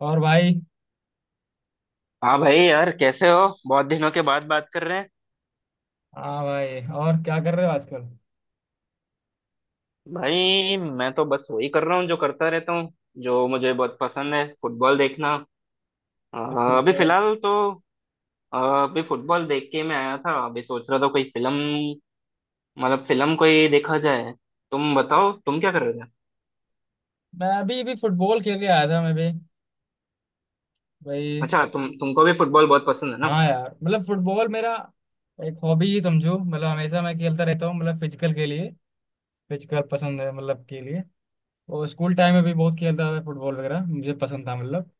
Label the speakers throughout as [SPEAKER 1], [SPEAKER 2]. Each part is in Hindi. [SPEAKER 1] और भाई।
[SPEAKER 2] हाँ भाई यार, कैसे हो। बहुत दिनों के बाद बात कर रहे हैं।
[SPEAKER 1] हाँ भाई, और क्या कर रहे हो आजकल?
[SPEAKER 2] भाई, मैं तो बस वही कर रहा हूँ जो करता रहता हूँ, जो मुझे बहुत पसंद है, फुटबॉल देखना। अ, अभी
[SPEAKER 1] फुटबॉल?
[SPEAKER 2] फिलहाल तो अभी फुटबॉल देख के मैं आया था। अभी सोच रहा था, कोई फिल्म, मतलब फिल्म कोई देखा जाए। तुम बताओ, तुम क्या कर रहे थे।
[SPEAKER 1] मैं अभी भी फुटबॉल खेल के आया था, मैं भी भाई।
[SPEAKER 2] अच्छा, तुमको भी फुटबॉल बहुत पसंद है ना।
[SPEAKER 1] हाँ यार, मतलब फुटबॉल मेरा एक हॉबी ही समझो, मतलब हमेशा मैं खेलता रहता हूँ, मतलब फिजिकल के लिए। फिजिकल पसंद है मतलब के लिए। और स्कूल टाइम में भी बहुत खेलता था, फुटबॉल वगैरह मुझे पसंद था मतलब।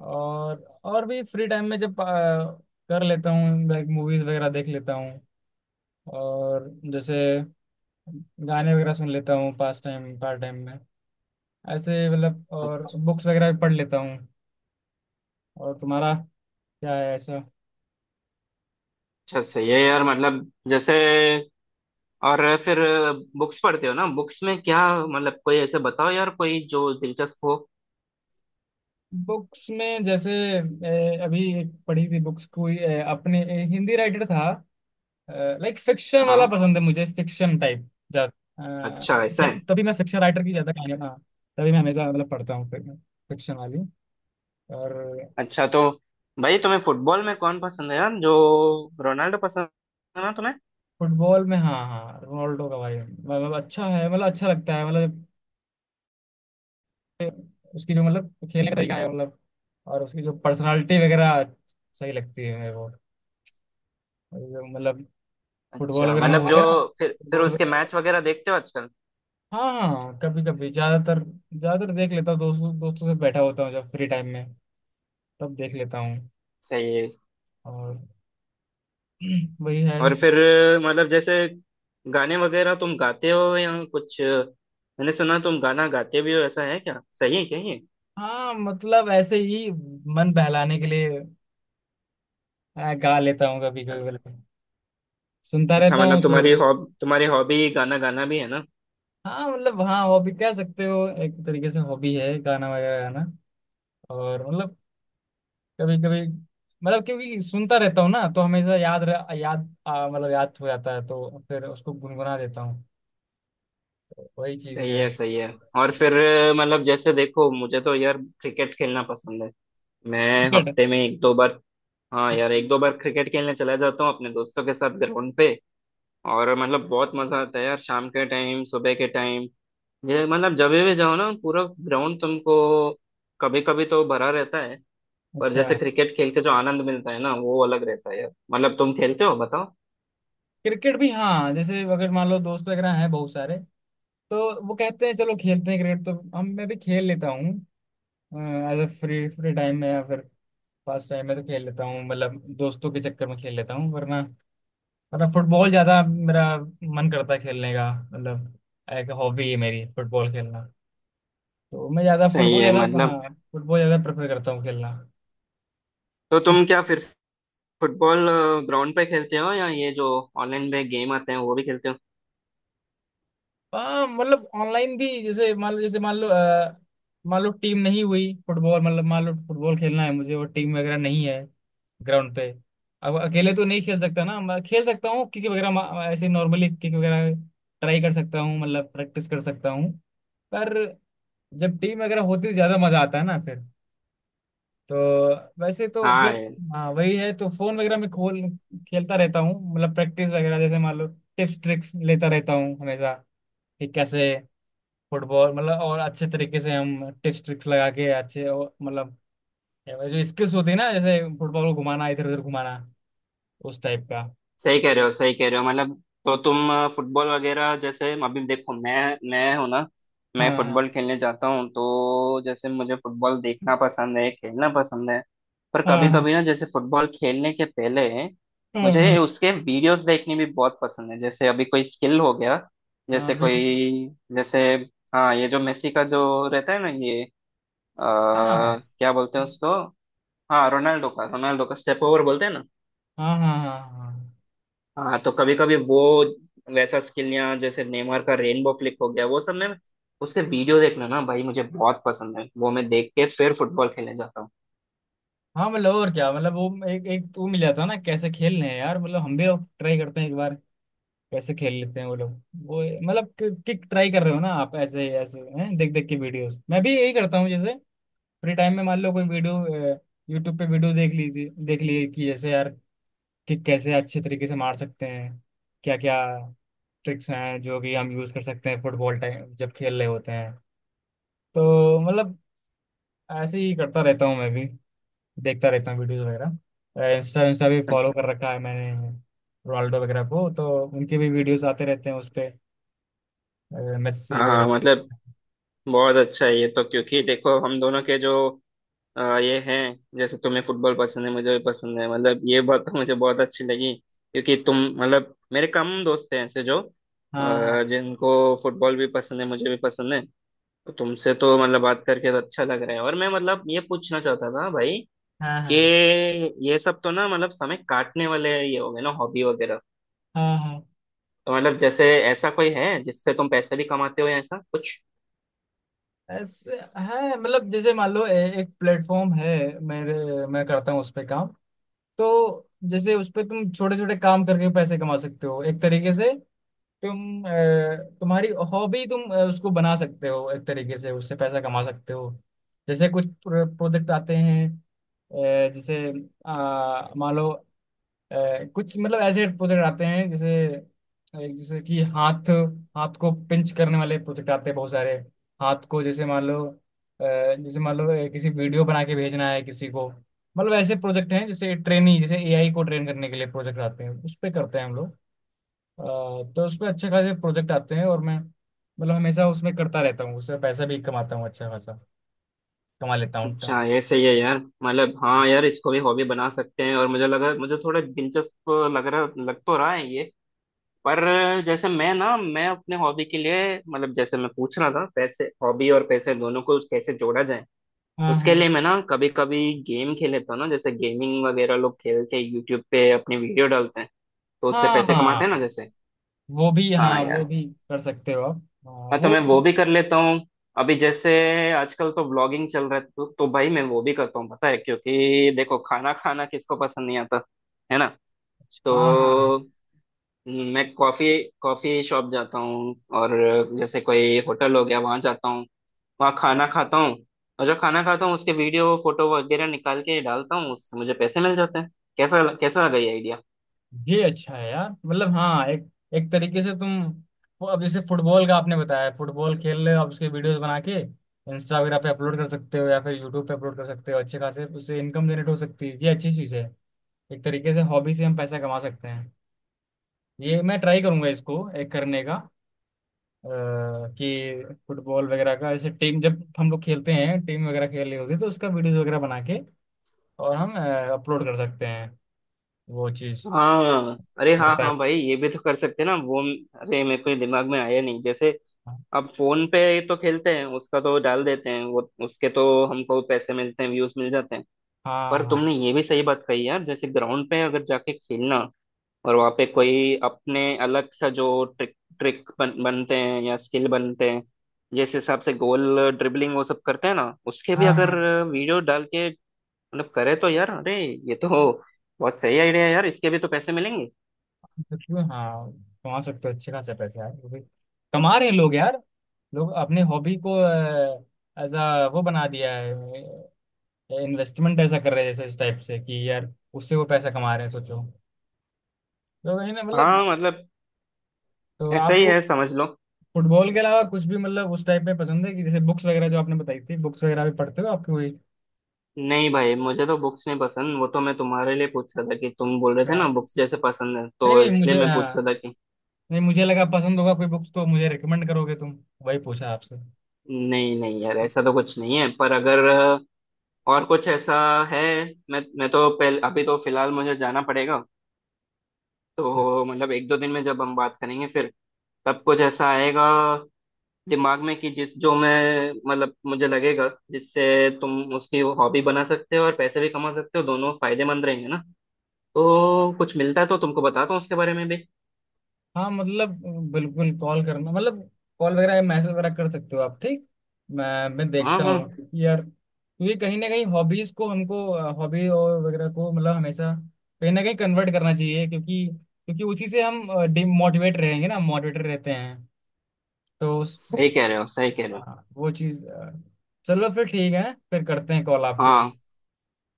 [SPEAKER 1] और और भी फ्री टाइम में जब कर लेता हूँ, लाइक मूवीज वगैरह देख लेता हूँ, और जैसे गाने वगैरह सुन लेता हूँ पास टाइम पार्ट टाइम में, ऐसे मतलब। और बुक्स वगैरह भी पढ़ लेता हूँ। और तुम्हारा क्या है ऐसा?
[SPEAKER 2] अच्छा, सही है यार। मतलब जैसे, और फिर बुक्स पढ़ते हो ना, बुक्स में क्या, मतलब कोई ऐसे बताओ यार, कोई जो दिलचस्प हो।
[SPEAKER 1] बुक्स में जैसे, अभी एक पढ़ी थी बुक्स कोई, अपने हिंदी राइटर था। लाइक फिक्शन वाला
[SPEAKER 2] हाँ।
[SPEAKER 1] पसंद है मुझे, फिक्शन टाइप ज्यादा।
[SPEAKER 2] अच्छा, ऐसा है।
[SPEAKER 1] तभी मैं फिक्शन राइटर की ज्यादा कहानी, हाँ। तभी मैं हमेशा मतलब पढ़ता हूँ फिक्शन वाली। और
[SPEAKER 2] अच्छा तो भाई, तुम्हें फुटबॉल में कौन पसंद है यार, जो रोनाल्डो पसंद है ना तुम्हें।
[SPEAKER 1] फुटबॉल में हाँ हाँ, रोनाल्डो का भाई मतलब अच्छा है, मतलब अच्छा लगता है मतलब। उसकी जो मतलब खेलने का तरीका है मतलब, और उसकी जो पर्सनालिटी वगैरह सही लगती है मेरे को मतलब। फुटबॉल
[SPEAKER 2] अच्छा,
[SPEAKER 1] वगैरह में अच्छा
[SPEAKER 2] मतलब जो,
[SPEAKER 1] होते है हैं ना।
[SPEAKER 2] फिर
[SPEAKER 1] फुटबॉल
[SPEAKER 2] उसके
[SPEAKER 1] वगैरह,
[SPEAKER 2] मैच वगैरह देखते हो आजकल।
[SPEAKER 1] हाँ हाँ कभी कभी, ज्यादातर ज्यादातर देख लेता हूँ, दोस्तों दोस्तों से बैठा होता हूँ जब फ्री टाइम में, तब देख लेता हूँ।
[SPEAKER 2] सही है।
[SPEAKER 1] और वही है
[SPEAKER 2] और
[SPEAKER 1] सबसे।
[SPEAKER 2] फिर मतलब, जैसे गाने वगैरह तुम गाते हो या कुछ। मैंने सुना तुम गाना गाते भी हो, ऐसा है क्या, सही है क्या ये।
[SPEAKER 1] हाँ मतलब ऐसे ही मन बहलाने के लिए गा लेता हूँ कभी कभी मतलब, सुनता
[SPEAKER 2] अच्छा,
[SPEAKER 1] रहता हूँ
[SPEAKER 2] मतलब
[SPEAKER 1] तो।
[SPEAKER 2] तुम्हारी हॉबी गाना गाना भी है ना।
[SPEAKER 1] हाँ मतलब, हाँ हॉबी कह सकते हो एक तरीके से, हॉबी है गाना वगैरह गाना। और मतलब कभी कभी मतलब, क्योंकि सुनता रहता हूँ ना तो हमेशा मतलब याद हो जाता है तो फिर उसको गुनगुना देता हूँ। तो वही चीज
[SPEAKER 2] सही
[SPEAKER 1] है।
[SPEAKER 2] है, सही है। और फिर मतलब जैसे, देखो मुझे तो यार क्रिकेट खेलना पसंद है। मैं
[SPEAKER 1] क्रिकेट?
[SPEAKER 2] हफ्ते में एक दो बार, हाँ यार एक दो
[SPEAKER 1] अच्छा।
[SPEAKER 2] बार क्रिकेट खेलने चला जाता हूँ अपने दोस्तों के साथ ग्राउंड पे। और मतलब बहुत मजा आता है यार, शाम के टाइम, सुबह के टाइम। जे मतलब जब भी जाओ ना, पूरा ग्राउंड तुमको कभी कभी तो भरा रहता है। पर
[SPEAKER 1] अच्छा।
[SPEAKER 2] जैसे क्रिकेट खेल के जो आनंद मिलता है ना, वो अलग रहता है यार। मतलब तुम खेलते हो बताओ।
[SPEAKER 1] क्रिकेट भी हाँ, जैसे अगर मान लो दोस्त वगैरह हैं बहुत सारे तो वो कहते हैं चलो खेलते हैं क्रिकेट, तो हम मैं भी खेल लेता हूँ। एज फ्री फ्री टाइम में या फिर पास टाइम में, तो खेल लेता हूँ मतलब, दोस्तों के चक्कर में खेल लेता हूँ, वरना वरना फुटबॉल ज्यादा मेरा मन करता है खेलने का मतलब। एक हॉबी है मेरी फुटबॉल खेलना, तो मैं ज्यादा
[SPEAKER 2] सही
[SPEAKER 1] फुटबॉल
[SPEAKER 2] है,
[SPEAKER 1] ज्यादा,
[SPEAKER 2] मतलब।
[SPEAKER 1] हाँ फुटबॉल ज्यादा प्रेफर करता हूँ खेलना।
[SPEAKER 2] तो तुम क्या फिर फुटबॉल ग्राउंड पे खेलते हो, या ये जो ऑनलाइन में गेम आते हैं वो भी खेलते हो।
[SPEAKER 1] हाँ मतलब ऑनलाइन भी, जैसे मान लो, जैसे मान लो मान लो टीम नहीं हुई फुटबॉल मतलब, मान लो फुटबॉल खेलना है मुझे और टीम वगैरह नहीं है ग्राउंड पे। अब अकेले तो नहीं खेल सकता ना मैं, खेल सकता हूँ किक वगैरह ऐसे नॉर्मली किक वगैरह ट्राई कर सकता हूँ मतलब, प्रैक्टिस कर सकता हूँ। पर जब टीम वगैरह होती है तो ज्यादा मजा आता है ना फिर, तो वैसे तो फिर
[SPEAKER 2] हाँ,
[SPEAKER 1] हाँ वही है। तो फोन वगैरह में खोल खेलता रहता हूँ मतलब प्रैक्टिस वगैरह, जैसे मान लो टिप्स ट्रिक्स लेता रहता हूँ हमेशा, कि कैसे फुटबॉल मतलब और अच्छे तरीके से हम टिप्स ट्रिक्स लगा के अच्छे और मतलब, जो स्किल्स होती है ना जैसे फुटबॉल को घुमाना इधर उधर घुमाना, उस टाइप का।
[SPEAKER 2] सही कह रहे हो, सही कह रहे हो मतलब। तो तुम फुटबॉल वगैरह, जैसे अभी देखो मैं हूं ना, मैं
[SPEAKER 1] हाँ
[SPEAKER 2] फुटबॉल
[SPEAKER 1] हाँ
[SPEAKER 2] खेलने जाता हूँ तो जैसे मुझे फुटबॉल देखना पसंद है, खेलना पसंद है। पर कभी
[SPEAKER 1] हाँ
[SPEAKER 2] कभी ना, जैसे फुटबॉल खेलने के पहले
[SPEAKER 1] हाँ। हाँ
[SPEAKER 2] मुझे उसके वीडियोस देखने भी बहुत पसंद है। जैसे अभी कोई स्किल हो गया,
[SPEAKER 1] हाँ
[SPEAKER 2] जैसे
[SPEAKER 1] बेटी।
[SPEAKER 2] कोई, जैसे हाँ, ये जो मेसी का जो रहता है ना, ये अ,
[SPEAKER 1] हाँ
[SPEAKER 2] क्या बोलते हैं उसको, हाँ रोनाल्डो का, रोनाल्डो का स्टेप ओवर बोलते हैं ना।
[SPEAKER 1] हाँ हाँ हाँ। हाँ
[SPEAKER 2] हाँ तो कभी कभी वो वैसा स्किल, या जैसे नेमार का रेनबो फ्लिक हो गया, वो सब में उसके वीडियो देखना ना भाई, मुझे बहुत पसंद है। वो मैं देख के फिर फुटबॉल खेलने जाता हूँ।
[SPEAKER 1] हाँ मतलब, और क्या मतलब वो एक एक तो वो मिल जाता है ना, कैसे खेल रहे हैं यार मतलब हम भी ट्राई करते हैं एक बार, कैसे खेल लेते हैं वो लोग वो मतलब। किक ट्राई कर रहे हो ना आप, ऐसे ऐसे हैं देख देख के वीडियोस, मैं भी यही करता हूँ, जैसे फ्री टाइम में मान लो कोई वीडियो, यूट्यूब पे वीडियो देख लीजिए, देख लिए कि जैसे यार, किक कैसे अच्छे तरीके से मार सकते हैं, क्या क्या ट्रिक्स हैं जो कि हम यूज कर सकते हैं फुटबॉल टाइम जब खेल रहे होते हैं, तो मतलब ऐसे ही करता रहता हूँ मैं भी। देखता रहता हूँ वीडियोस वगैरह, इंस्टा इंस्टा भी फॉलो कर रखा है मैंने रोनाल्डो वगैरह को, तो उनके भी वीडियोस आते रहते हैं उस पे, मेस्सी
[SPEAKER 2] हाँ
[SPEAKER 1] वगैरह।
[SPEAKER 2] मतलब बहुत अच्छा है ये तो, क्योंकि देखो हम दोनों के जो ये हैं, जैसे तुम्हें फुटबॉल पसंद है, मुझे भी पसंद है। मतलब ये बात तो मुझे बहुत अच्छी लगी, क्योंकि तुम मतलब, मेरे कम दोस्त हैं ऐसे जो
[SPEAKER 1] हाँ हाँ
[SPEAKER 2] जिनको फुटबॉल भी पसंद है, मुझे भी पसंद है। तो तुमसे तो मतलब बात करके तो अच्छा लग रहा है। और मैं मतलब, ये पूछना चाहता था भाई
[SPEAKER 1] हाँ
[SPEAKER 2] कि
[SPEAKER 1] हाँ
[SPEAKER 2] ये सब तो ना मतलब समय काटने वाले ये हो गए ना, हॉबी वगैरह।
[SPEAKER 1] हाँ हाँ,
[SPEAKER 2] तो मतलब जैसे, ऐसा कोई है जिससे तुम पैसे भी कमाते हो, या ऐसा कुछ।
[SPEAKER 1] ऐसे है मतलब, जैसे मान लो एक प्लेटफॉर्म है मेरे, मैं करता हूँ उस पे काम। तो जैसे उस पे तुम छोटे छोटे काम करके पैसे कमा सकते हो एक तरीके से। तुम तुम्हारी हॉबी, तुम उसको बना सकते हो एक तरीके से, उससे पैसा कमा सकते हो। जैसे कुछ प्रोजेक्ट आते हैं, जैसे मान लो कुछ मतलब ऐसे प्रोजेक्ट आते हैं, जैसे एक जैसे कि हाथ, हाथ को पिंच करने वाले प्रोजेक्ट आते हैं बहुत सारे। हाथ को जैसे मान लो जैसे मान लो किसी वीडियो बना के भेजना है किसी को। मतलब ऐसे प्रोजेक्ट हैं, जैसे ट्रेनिंग, जैसे एआई को ट्रेन करने के लिए प्रोजेक्ट आते हैं, उस पे करते हैं हम लोग। अ, तो उसमें अच्छे खासे प्रोजेक्ट आते हैं, और मैं मतलब हमेशा उसमें करता रहता हूँ, उसमें पैसा भी कमाता हूँ, अच्छा खासा कमा लेता हूँ।
[SPEAKER 2] अच्छा, ये सही है यार। मतलब हाँ यार, इसको भी हॉबी बना सकते हैं। और मुझे लगा, मुझे थोड़ा दिलचस्प लग तो रहा है ये। पर जैसे मैं ना, मैं अपने हॉबी के लिए, मतलब जैसे मैं पूछ रहा था, पैसे, हॉबी और पैसे दोनों को कैसे जोड़ा जाए, उसके
[SPEAKER 1] हाँ
[SPEAKER 2] लिए मैं ना कभी कभी गेम खेल लेता हूँ ना। जैसे गेमिंग वगैरह लोग खेल के यूट्यूब पे अपनी वीडियो डालते हैं, तो उससे
[SPEAKER 1] हाँ
[SPEAKER 2] पैसे कमाते हैं ना,
[SPEAKER 1] हाँ,
[SPEAKER 2] जैसे।
[SPEAKER 1] वो भी,
[SPEAKER 2] हाँ
[SPEAKER 1] हाँ वो
[SPEAKER 2] यार,
[SPEAKER 1] भी कर सकते हो आप। हाँ,
[SPEAKER 2] मैं तो
[SPEAKER 1] वो।
[SPEAKER 2] मैं वो भी कर लेता हूँ। अभी जैसे आजकल तो व्लॉगिंग चल रहा है, तो भाई मैं वो भी करता हूँ, पता है। क्योंकि देखो, खाना खाना किसको पसंद नहीं आता, है ना।
[SPEAKER 1] हाँ हाँ
[SPEAKER 2] तो
[SPEAKER 1] हाँ।
[SPEAKER 2] मैं कॉफी कॉफी शॉप जाता हूँ। और जैसे कोई होटल हो गया, वहाँ जाता हूँ, वहाँ खाना खाता हूँ। और जो खाना खाता हूँ, उसके वीडियो फोटो वगैरह निकाल के डालता हूँ, उससे मुझे पैसे मिल जाते हैं। कैसा कैसा लगा ये।
[SPEAKER 1] ये अच्छा है यार, मतलब हाँ, एक एक तरीके से तुम वो, अब जैसे फुटबॉल का आपने बताया, फुटबॉल खेल रहे हो आप, उसके वीडियोस बना के इंस्टा वगैरह पे अपलोड कर सकते हो या फिर यूट्यूब पे अपलोड कर सकते हो, अच्छे खासे उससे इनकम जनरेट हो सकती है, ये अच्छी चीज़ है। एक तरीके से हॉबी से हम पैसा कमा सकते हैं, ये मैं ट्राई करूंगा इसको एक करने का। अ, कि फुटबॉल वगैरह का, जैसे टीम जब हम लोग खेलते हैं, टीम वगैरह खेल रही होती है तो उसका वीडियोस वगैरह बना के, और हम अपलोड कर सकते हैं वो चीज़।
[SPEAKER 2] हाँ, अरे
[SPEAKER 1] मैं
[SPEAKER 2] हाँ
[SPEAKER 1] ट्राई।
[SPEAKER 2] हाँ भाई, ये भी तो कर सकते हैं ना वो। अरे, मेरे को दिमाग में आया नहीं। जैसे अब फोन पे तो खेलते हैं, उसका तो डाल देते हैं। वो उसके तो हमको पैसे मिलते हैं, व्यूज मिल जाते हैं।
[SPEAKER 1] हाँ
[SPEAKER 2] पर
[SPEAKER 1] हाँ
[SPEAKER 2] तुमने ये भी सही बात कही यार, जैसे ग्राउंड पे अगर जाके खेलना, और वहाँ पे कोई अपने अलग सा जो ट्रिक ट्रिक बन, बनते हैं, या स्किल बनते हैं, जिस हिसाब से गोल, ड्रिबलिंग, वो सब करते हैं ना, उसके भी
[SPEAKER 1] हाँ
[SPEAKER 2] अगर
[SPEAKER 1] हाँ।
[SPEAKER 2] वीडियो डाल के मतलब करे तो यार, अरे ये तो बहुत सही आइडिया है यार, इसके भी तो पैसे मिलेंगे।
[SPEAKER 1] तो क्यों हाँ, कमा सकते हो अच्छे खासे पैसे यार, वो भी कमा रहे हैं लोग यार। लोग अपने हॉबी को एज अ वो बना दिया है, इन्वेस्टमेंट ऐसा कर रहे हैं, जैसे इस टाइप से कि यार, उससे वो पैसा कमा रहे हैं, सोचो। तो वही ना मतलब।
[SPEAKER 2] हाँ मतलब
[SPEAKER 1] तो
[SPEAKER 2] ऐसा ही
[SPEAKER 1] आपको
[SPEAKER 2] है, समझ लो।
[SPEAKER 1] फुटबॉल के अलावा कुछ भी मतलब उस टाइप में पसंद है, कि जैसे बुक्स वगैरह जो आपने बताई थी, बुक्स वगैरह भी पढ़ते हो आपकी कोई?
[SPEAKER 2] नहीं भाई, मुझे तो बुक्स नहीं पसंद। वो तो मैं तुम्हारे लिए पूछ रहा था कि तुम बोल रहे थे
[SPEAKER 1] अच्छा।
[SPEAKER 2] ना बुक्स जैसे पसंद है, तो
[SPEAKER 1] नहीं नहीं
[SPEAKER 2] इसलिए
[SPEAKER 1] मुझे,
[SPEAKER 2] मैं पूछ रहा
[SPEAKER 1] हाँ,
[SPEAKER 2] था कि।
[SPEAKER 1] नहीं मुझे लगा पसंद होगा कोई बुक्स तो मुझे रिकमेंड करोगे तुम, वही पूछा आपसे।
[SPEAKER 2] नहीं नहीं यार, ऐसा तो कुछ नहीं है। पर अगर और कुछ ऐसा है, मैं तो पहले, अभी तो फिलहाल मुझे जाना पड़ेगा। तो मतलब एक दो दिन में जब हम बात करेंगे फिर, तब कुछ ऐसा आएगा दिमाग में कि जिस जो मैं मतलब, मुझे लगेगा जिससे तुम उसकी हॉबी बना सकते हो और पैसे भी कमा सकते हो, दोनों फायदेमंद रहेंगे ना। तो कुछ मिलता है तो तुमको बताता हूँ उसके बारे में भी।
[SPEAKER 1] हाँ मतलब, बिल्कुल कॉल करना मतलब, कॉल वगैरह मैसेज वगैरह कर सकते हो आप, ठीक। मैं
[SPEAKER 2] हाँ
[SPEAKER 1] देखता
[SPEAKER 2] हाँ,
[SPEAKER 1] हूँ, क्योंकि यार, क्योंकि कहीं ना कहीं हॉबीज को हमको, हॉबी और वगैरह को मतलब हमेशा कहीं ना कहीं कन्वर्ट करना चाहिए, क्योंकि क्योंकि उसी से हम डिमोटिवेट रहेंगे ना, मोटिवेटेड रहते हैं तो उस।
[SPEAKER 2] सही कह रहे हो, सही कह रहे हो।
[SPEAKER 1] हाँ, वो चीज़, चलो फिर ठीक है, फिर करते हैं कॉल आपको।
[SPEAKER 2] हाँ,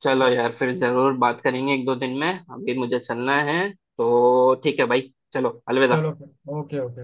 [SPEAKER 2] चलो
[SPEAKER 1] चलो।
[SPEAKER 2] यार, फिर जरूर बात करेंगे एक दो दिन में। अभी मुझे चलना है, तो ठीक है भाई, चलो अलविदा।
[SPEAKER 1] चलो फिर। Okay okay.